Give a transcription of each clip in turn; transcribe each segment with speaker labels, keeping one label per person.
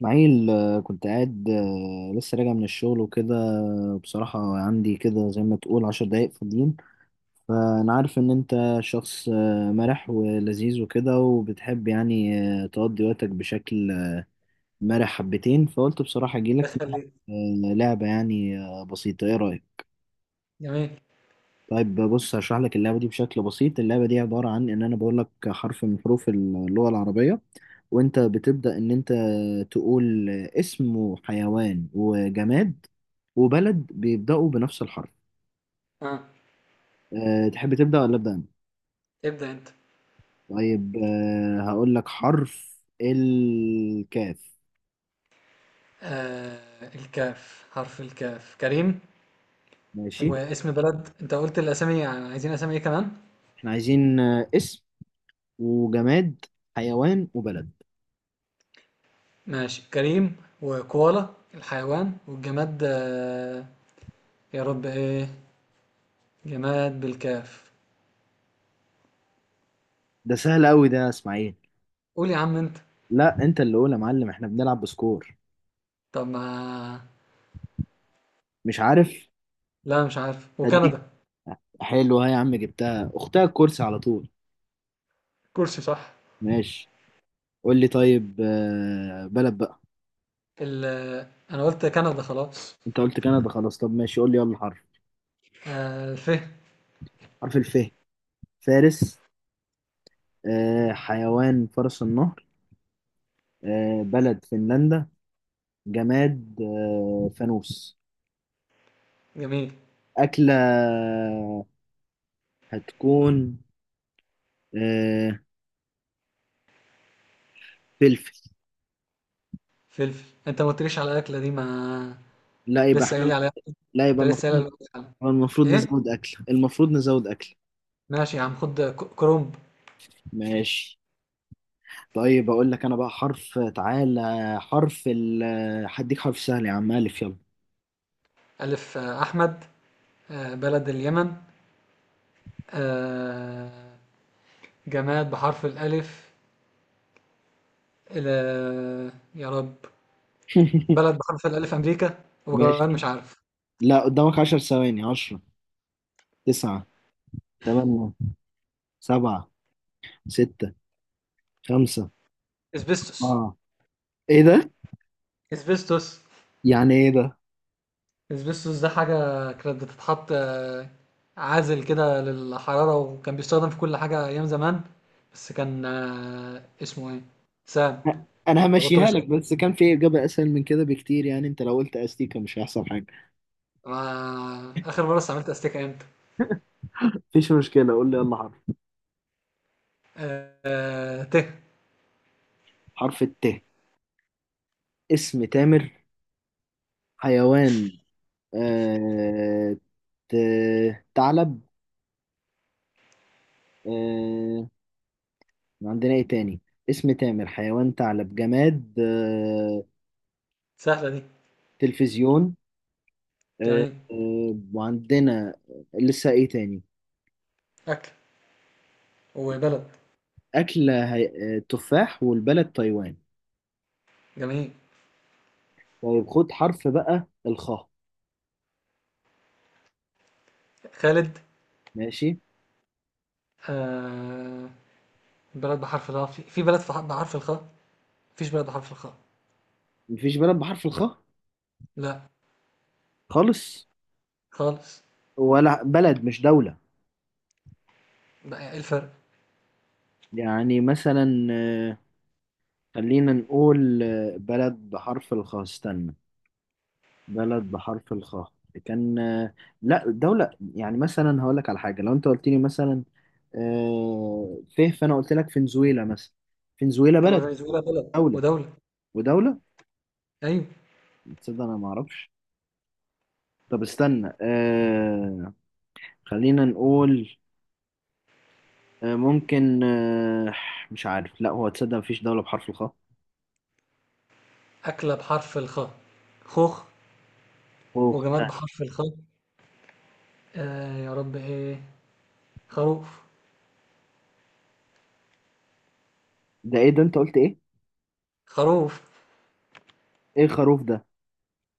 Speaker 1: معيل، كنت قاعد، لسه راجع من الشغل وكده. بصراحة عندي كده زي ما تقول 10 دقايق فاضيين. فأنا عارف إن أنت شخص مرح ولذيذ وكده، وبتحب يعني تقضي وقتك بشكل مرح حبتين، فقلت بصراحة أجيلك نلعب،
Speaker 2: بخليك.
Speaker 1: لعبة يعني بسيطة. إيه رأيك؟
Speaker 2: جميل.
Speaker 1: طيب بص، هشرح لك اللعبة دي بشكل بسيط. اللعبة دي عبارة عن إن أنا بقول لك حرف من حروف اللغة العربية، وأنت بتبدأ إن أنت تقول اسم وحيوان وجماد وبلد بيبدأوا بنفس الحرف.
Speaker 2: اه
Speaker 1: تحب تبدأ ولا أبدأ أنا؟
Speaker 2: ابدأ انت.
Speaker 1: طيب، هقول لك حرف الكاف.
Speaker 2: الكاف، حرف الكاف، كريم.
Speaker 1: ماشي.
Speaker 2: واسم بلد، انت قلت الاسامي، يعني عايزين اسامي ايه كمان؟
Speaker 1: إحنا عايزين اسم وجماد حيوان وبلد.
Speaker 2: ماشي، كريم وكوالا الحيوان والجماد. يا رب، ايه جماد بالكاف؟
Speaker 1: ده سهل أوي ده يا إسماعيل.
Speaker 2: قول يا عم انت.
Speaker 1: لا، أنت اللي قول يا معلم، إحنا بنلعب بسكور.
Speaker 2: طب ما.
Speaker 1: مش عارف.
Speaker 2: لا مش عارف.
Speaker 1: هديك.
Speaker 2: وكندا.
Speaker 1: حلو، ها يا عم، جبتها اختها، الكرسي على طول.
Speaker 2: كرسي. صح.
Speaker 1: ماشي. قول لي طيب بلد بقى.
Speaker 2: ال انا قلت كندا خلاص.
Speaker 1: انت قلت كندا خلاص، طب ماشي، قول لي يلا حرف.
Speaker 2: الف.
Speaker 1: حرف الف. فارس. حيوان فرس النهر. بلد فنلندا. جماد فانوس.
Speaker 2: جميل.
Speaker 1: أكلة هتكون آه، فلفل.
Speaker 2: فلفل؟ انت ما قلتليش على الاكله دي، ما
Speaker 1: لا، يبقى
Speaker 2: لسه قايل لي
Speaker 1: احنا.
Speaker 2: عليها،
Speaker 1: لا، يبقى
Speaker 2: انت لسه قايل
Speaker 1: المفروض.
Speaker 2: لي عليها.
Speaker 1: المفروض
Speaker 2: ايه؟
Speaker 1: نزود أكل، المفروض نزود أكل.
Speaker 2: ماشي يا عم، خد كرومب.
Speaker 1: ماشي. طيب اقول لك انا بقى حرف، تعالى. حرف هديك حرف سهل يا عم، الف، يلا.
Speaker 2: الف، احمد. بلد اليمن. آه، جماد بحرف الالف. يا رب. بلد بحرف الالف امريكا وجوان،
Speaker 1: ماشي.
Speaker 2: مش عارف.
Speaker 1: لا، قدامك 10 ثواني. 10، 9، 8، 7، 6، 5.
Speaker 2: اسبستوس.
Speaker 1: اه. ايه ده؟
Speaker 2: اسبستوس.
Speaker 1: يعني ايه ده؟
Speaker 2: اسبستوس ده حاجة كانت بتتحط، عازل كده للحرارة، وكان بيستخدم في كل حاجة أيام زمان، بس كان اسمه ايه؟ سام.
Speaker 1: أ- انا
Speaker 2: ده بطل.
Speaker 1: همشيها لك، بس كان في اجابة اسهل من كده بكتير. يعني انت لو قلت استيكة مش هيحصل حاجة.
Speaker 2: ما آخر مرة استعملت أستيكة إمتى؟
Speaker 1: مفيش مشكلة، قول لي يلا حرف.
Speaker 2: ته.
Speaker 1: حرف الت. اسم تامر. حيوان آه... ت... ثعلب. آه... عندنا ايه تاني؟ اسم تامر، حيوان ثعلب، جماد
Speaker 2: سهلة دي.
Speaker 1: تلفزيون. آه،
Speaker 2: جميل.
Speaker 1: وعندنا لسه ايه تاني؟
Speaker 2: أكل، وبلد.
Speaker 1: أكلة تفاح، والبلد تايوان.
Speaker 2: جميل.
Speaker 1: طيب خد حرف بقى، الخاء.
Speaker 2: خالد.
Speaker 1: ماشي.
Speaker 2: آه... بلد بحرف الخاء في بلد، في بحرف الخاء؟ مفيش بلد بحرف الخاء.
Speaker 1: مفيش بلد بحرف الخاء.
Speaker 2: لا.
Speaker 1: خالص.
Speaker 2: خالص.
Speaker 1: ولا بلد مش دولة.
Speaker 2: بقى إيه الفرق؟
Speaker 1: يعني مثلا خلينا نقول بلد بحرف الخاء، استنى. بلد بحرف الخاء كان لا، دولة. يعني مثلا هقول لك على حاجة، لو انت قلت لي مثلا فيه، فانا قلت لك فنزويلا مثلا، فنزويلا
Speaker 2: طب ما
Speaker 1: بلد.
Speaker 2: فنزويلا بلد
Speaker 1: دولة
Speaker 2: ودولة.
Speaker 1: ودولة.
Speaker 2: أيوة.
Speaker 1: تصدق انا ما اعرفش. طب استنى، خلينا نقول ممكن، مش عارف. لا هو، تصدق مفيش دولة بحرف الخاء.
Speaker 2: أكلة بحرف الخاء خوخ.
Speaker 1: خوخ ده.
Speaker 2: وجماد بحرف الخاء، يا رب إيه؟ خروف.
Speaker 1: ده ايه ده؟ انت قلت ايه؟
Speaker 2: خروف.
Speaker 1: ايه الخروف ده؟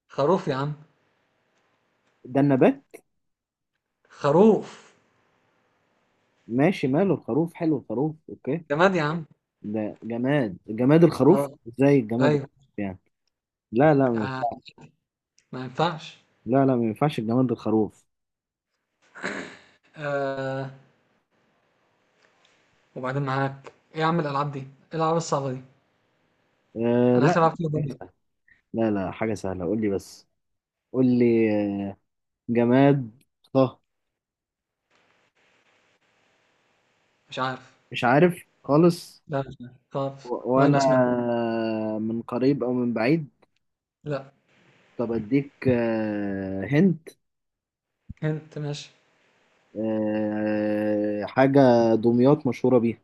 Speaker 2: خروف يا عم.
Speaker 1: ده النبات.
Speaker 2: خروف.
Speaker 1: ماشي، ماله الخروف، حلو الخروف، اوكي.
Speaker 2: جماد يا عم.
Speaker 1: ده جماد؟ جماد
Speaker 2: اه.
Speaker 1: الخروف ازاي؟ الجماد
Speaker 2: ايوه.
Speaker 1: الخروف يعني؟ لا، لا،
Speaker 2: آه ما ينفعش.
Speaker 1: لا، لا، ما ينفعش الجماد الخروف.
Speaker 2: آه وبعدين معاك ايه يا عم، الالعاب دي ايه، الالعاب الصعبه دي، انا
Speaker 1: لا،
Speaker 2: اخر العب فيها
Speaker 1: حاجة
Speaker 2: دنيا.
Speaker 1: سهلة. لا، لا، حاجة سهلة، قول لي بس. قول لي آه، جماد. صه.
Speaker 2: مش عارف.
Speaker 1: مش عارف خالص.
Speaker 2: لا مش عارف، طب.
Speaker 1: ولا
Speaker 2: ماينس مني.
Speaker 1: من قريب او من بعيد.
Speaker 2: لا.
Speaker 1: طب اديك هنت
Speaker 2: انت ماشي.
Speaker 1: حاجة دمياط مشهورة بيها.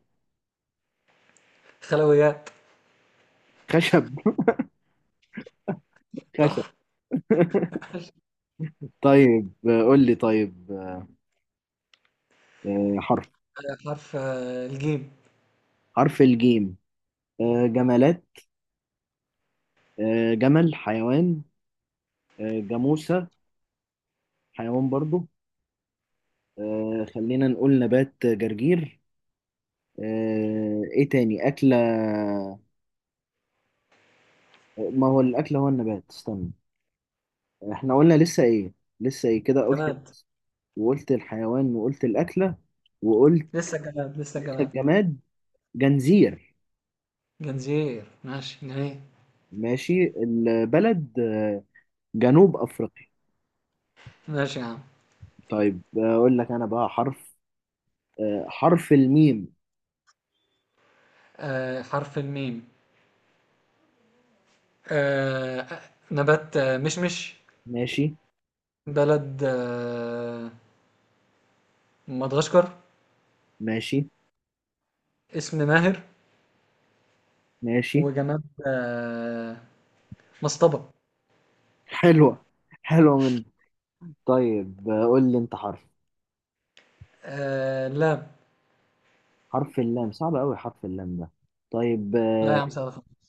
Speaker 2: خلويات.
Speaker 1: خشب. خشب.
Speaker 2: صح. ماشي.
Speaker 1: طيب، قول لي طيب حرف.
Speaker 2: حرف الجيم.
Speaker 1: حرف الجيم. جمالات. جمل حيوان. جاموسة حيوان برضو. خلينا نقول نبات جرجير. ايه تاني أكلة؟ ما هو الأكل هو النبات، استنى. احنا قلنا لسه ايه؟ لسه ايه كده قلت؟
Speaker 2: جماد.
Speaker 1: وقلت الحيوان وقلت الأكلة وقلت
Speaker 2: لسه جماد، لسه جماد.
Speaker 1: الجماد. جنزير.
Speaker 2: جنزير. ماشي جميل.
Speaker 1: ماشي. البلد جنوب أفريقيا.
Speaker 2: ماشي يا عم.
Speaker 1: طيب أقول لك أنا بقى حرف حرف الميم.
Speaker 2: حرف الميم. آه آه، نبات، مشمش.
Speaker 1: ماشي.
Speaker 2: بلد، مدغشقر.
Speaker 1: ماشي.
Speaker 2: اسم ماهر.
Speaker 1: ماشي،
Speaker 2: وجماد، مصطبة.
Speaker 1: حلوة، حلوة من. طيب، قول لي أنت حرف.
Speaker 2: لا.
Speaker 1: حرف اللام صعب أوي، حرف اللام ده. طيب،
Speaker 2: لا يا عم، سعد خالص.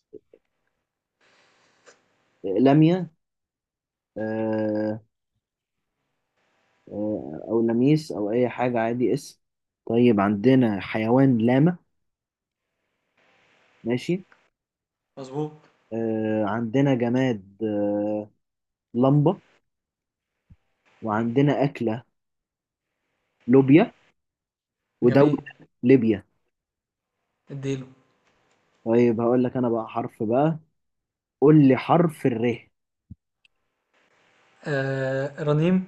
Speaker 1: لمية او لميس او اي حاجه عادي، اسم. طيب عندنا حيوان لاما. ماشي.
Speaker 2: مظبوط.
Speaker 1: عندنا جماد لمبه. وعندنا اكله لوبيا. ودوله
Speaker 2: جميل.
Speaker 1: ليبيا.
Speaker 2: اديله.
Speaker 1: طيب هقول لك انا بقى حرف بقى. قول لي حرف الر.
Speaker 2: رنيم.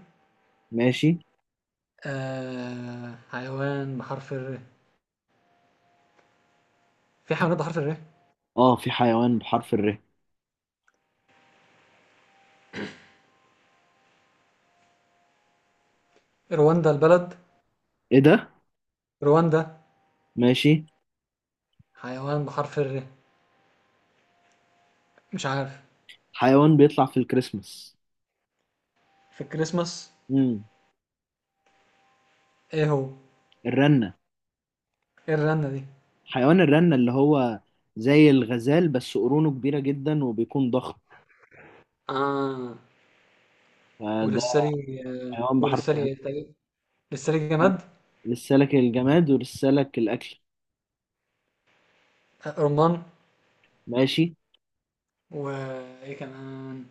Speaker 1: ماشي.
Speaker 2: حيوان بحرف الر، في حيوانات بحرف الر؟
Speaker 1: اه، في حيوان بحرف الر.
Speaker 2: رواندا البلد.
Speaker 1: ايه ده.
Speaker 2: رواندا.
Speaker 1: ماشي.
Speaker 2: حيوان بحرف الر، مش عارف.
Speaker 1: حيوان بيطلع في الكريسماس.
Speaker 2: في الكريسماس؟
Speaker 1: امم
Speaker 2: ايه هو؟
Speaker 1: الرنه.
Speaker 2: ايه الرنة دي؟
Speaker 1: حيوان الرنه اللي هو زي الغزال، بس قرونه كبيره جدا وبيكون ضخم،
Speaker 2: اه.
Speaker 1: فده
Speaker 2: وللسري.
Speaker 1: حيوان بحرف
Speaker 2: وللسري
Speaker 1: الر.
Speaker 2: إيه؟ طيب. للسري جماد.
Speaker 1: لسالك الجماد ولسالك الأكل.
Speaker 2: رمان.
Speaker 1: ماشي.
Speaker 2: وايه كمان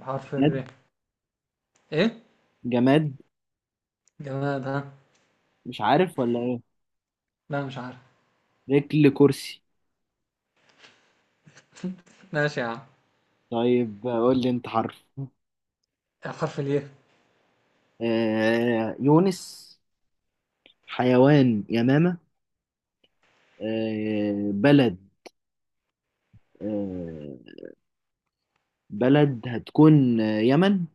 Speaker 2: بحرف
Speaker 1: جماد،
Speaker 2: الر؟ ايه؟
Speaker 1: جماد.
Speaker 2: جماد، ها؟
Speaker 1: مش عارف ولا إيه؟
Speaker 2: لا مش عارف.
Speaker 1: رجل كرسي.
Speaker 2: ماشي يا عم.
Speaker 1: طيب قول لي أنت حرف.
Speaker 2: حرف الياء.
Speaker 1: يونس. حيوان يمامة. بلد، آه بلد هتكون يمن.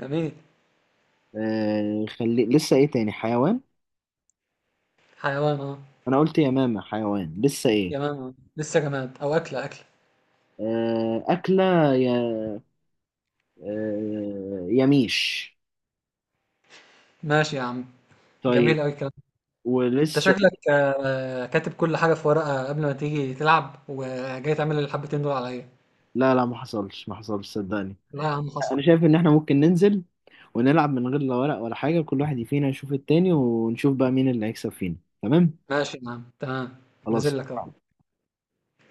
Speaker 2: جميل.
Speaker 1: خلي، لسه إيه تاني حيوان؟
Speaker 2: حيوان، اه.
Speaker 1: أنا قلت يمامة حيوان، لسه إيه؟
Speaker 2: جماد. لسه جماد، او اكله، اكله.
Speaker 1: أكلة يا يميش.
Speaker 2: ماشي يا عم.
Speaker 1: طيب.
Speaker 2: جميل قوي الكلام ده. انت
Speaker 1: ولسه
Speaker 2: شكلك
Speaker 1: إيه؟
Speaker 2: كاتب كل حاجه في ورقه قبل ما تيجي تلعب، وجاي تعمل الحبتين دول عليا.
Speaker 1: لا، لا، ما حصلش، ما حصلش، صدقني.
Speaker 2: لا يا عم، حصل.
Speaker 1: انا شايف ان احنا ممكن ننزل ونلعب من غير لا ورق ولا حاجه، كل واحد فينا يشوف التاني، ونشوف بقى مين اللي هيكسب فينا. تمام.
Speaker 2: ماشي يا عم، تمام. نزل لك اهو.
Speaker 1: خلاص.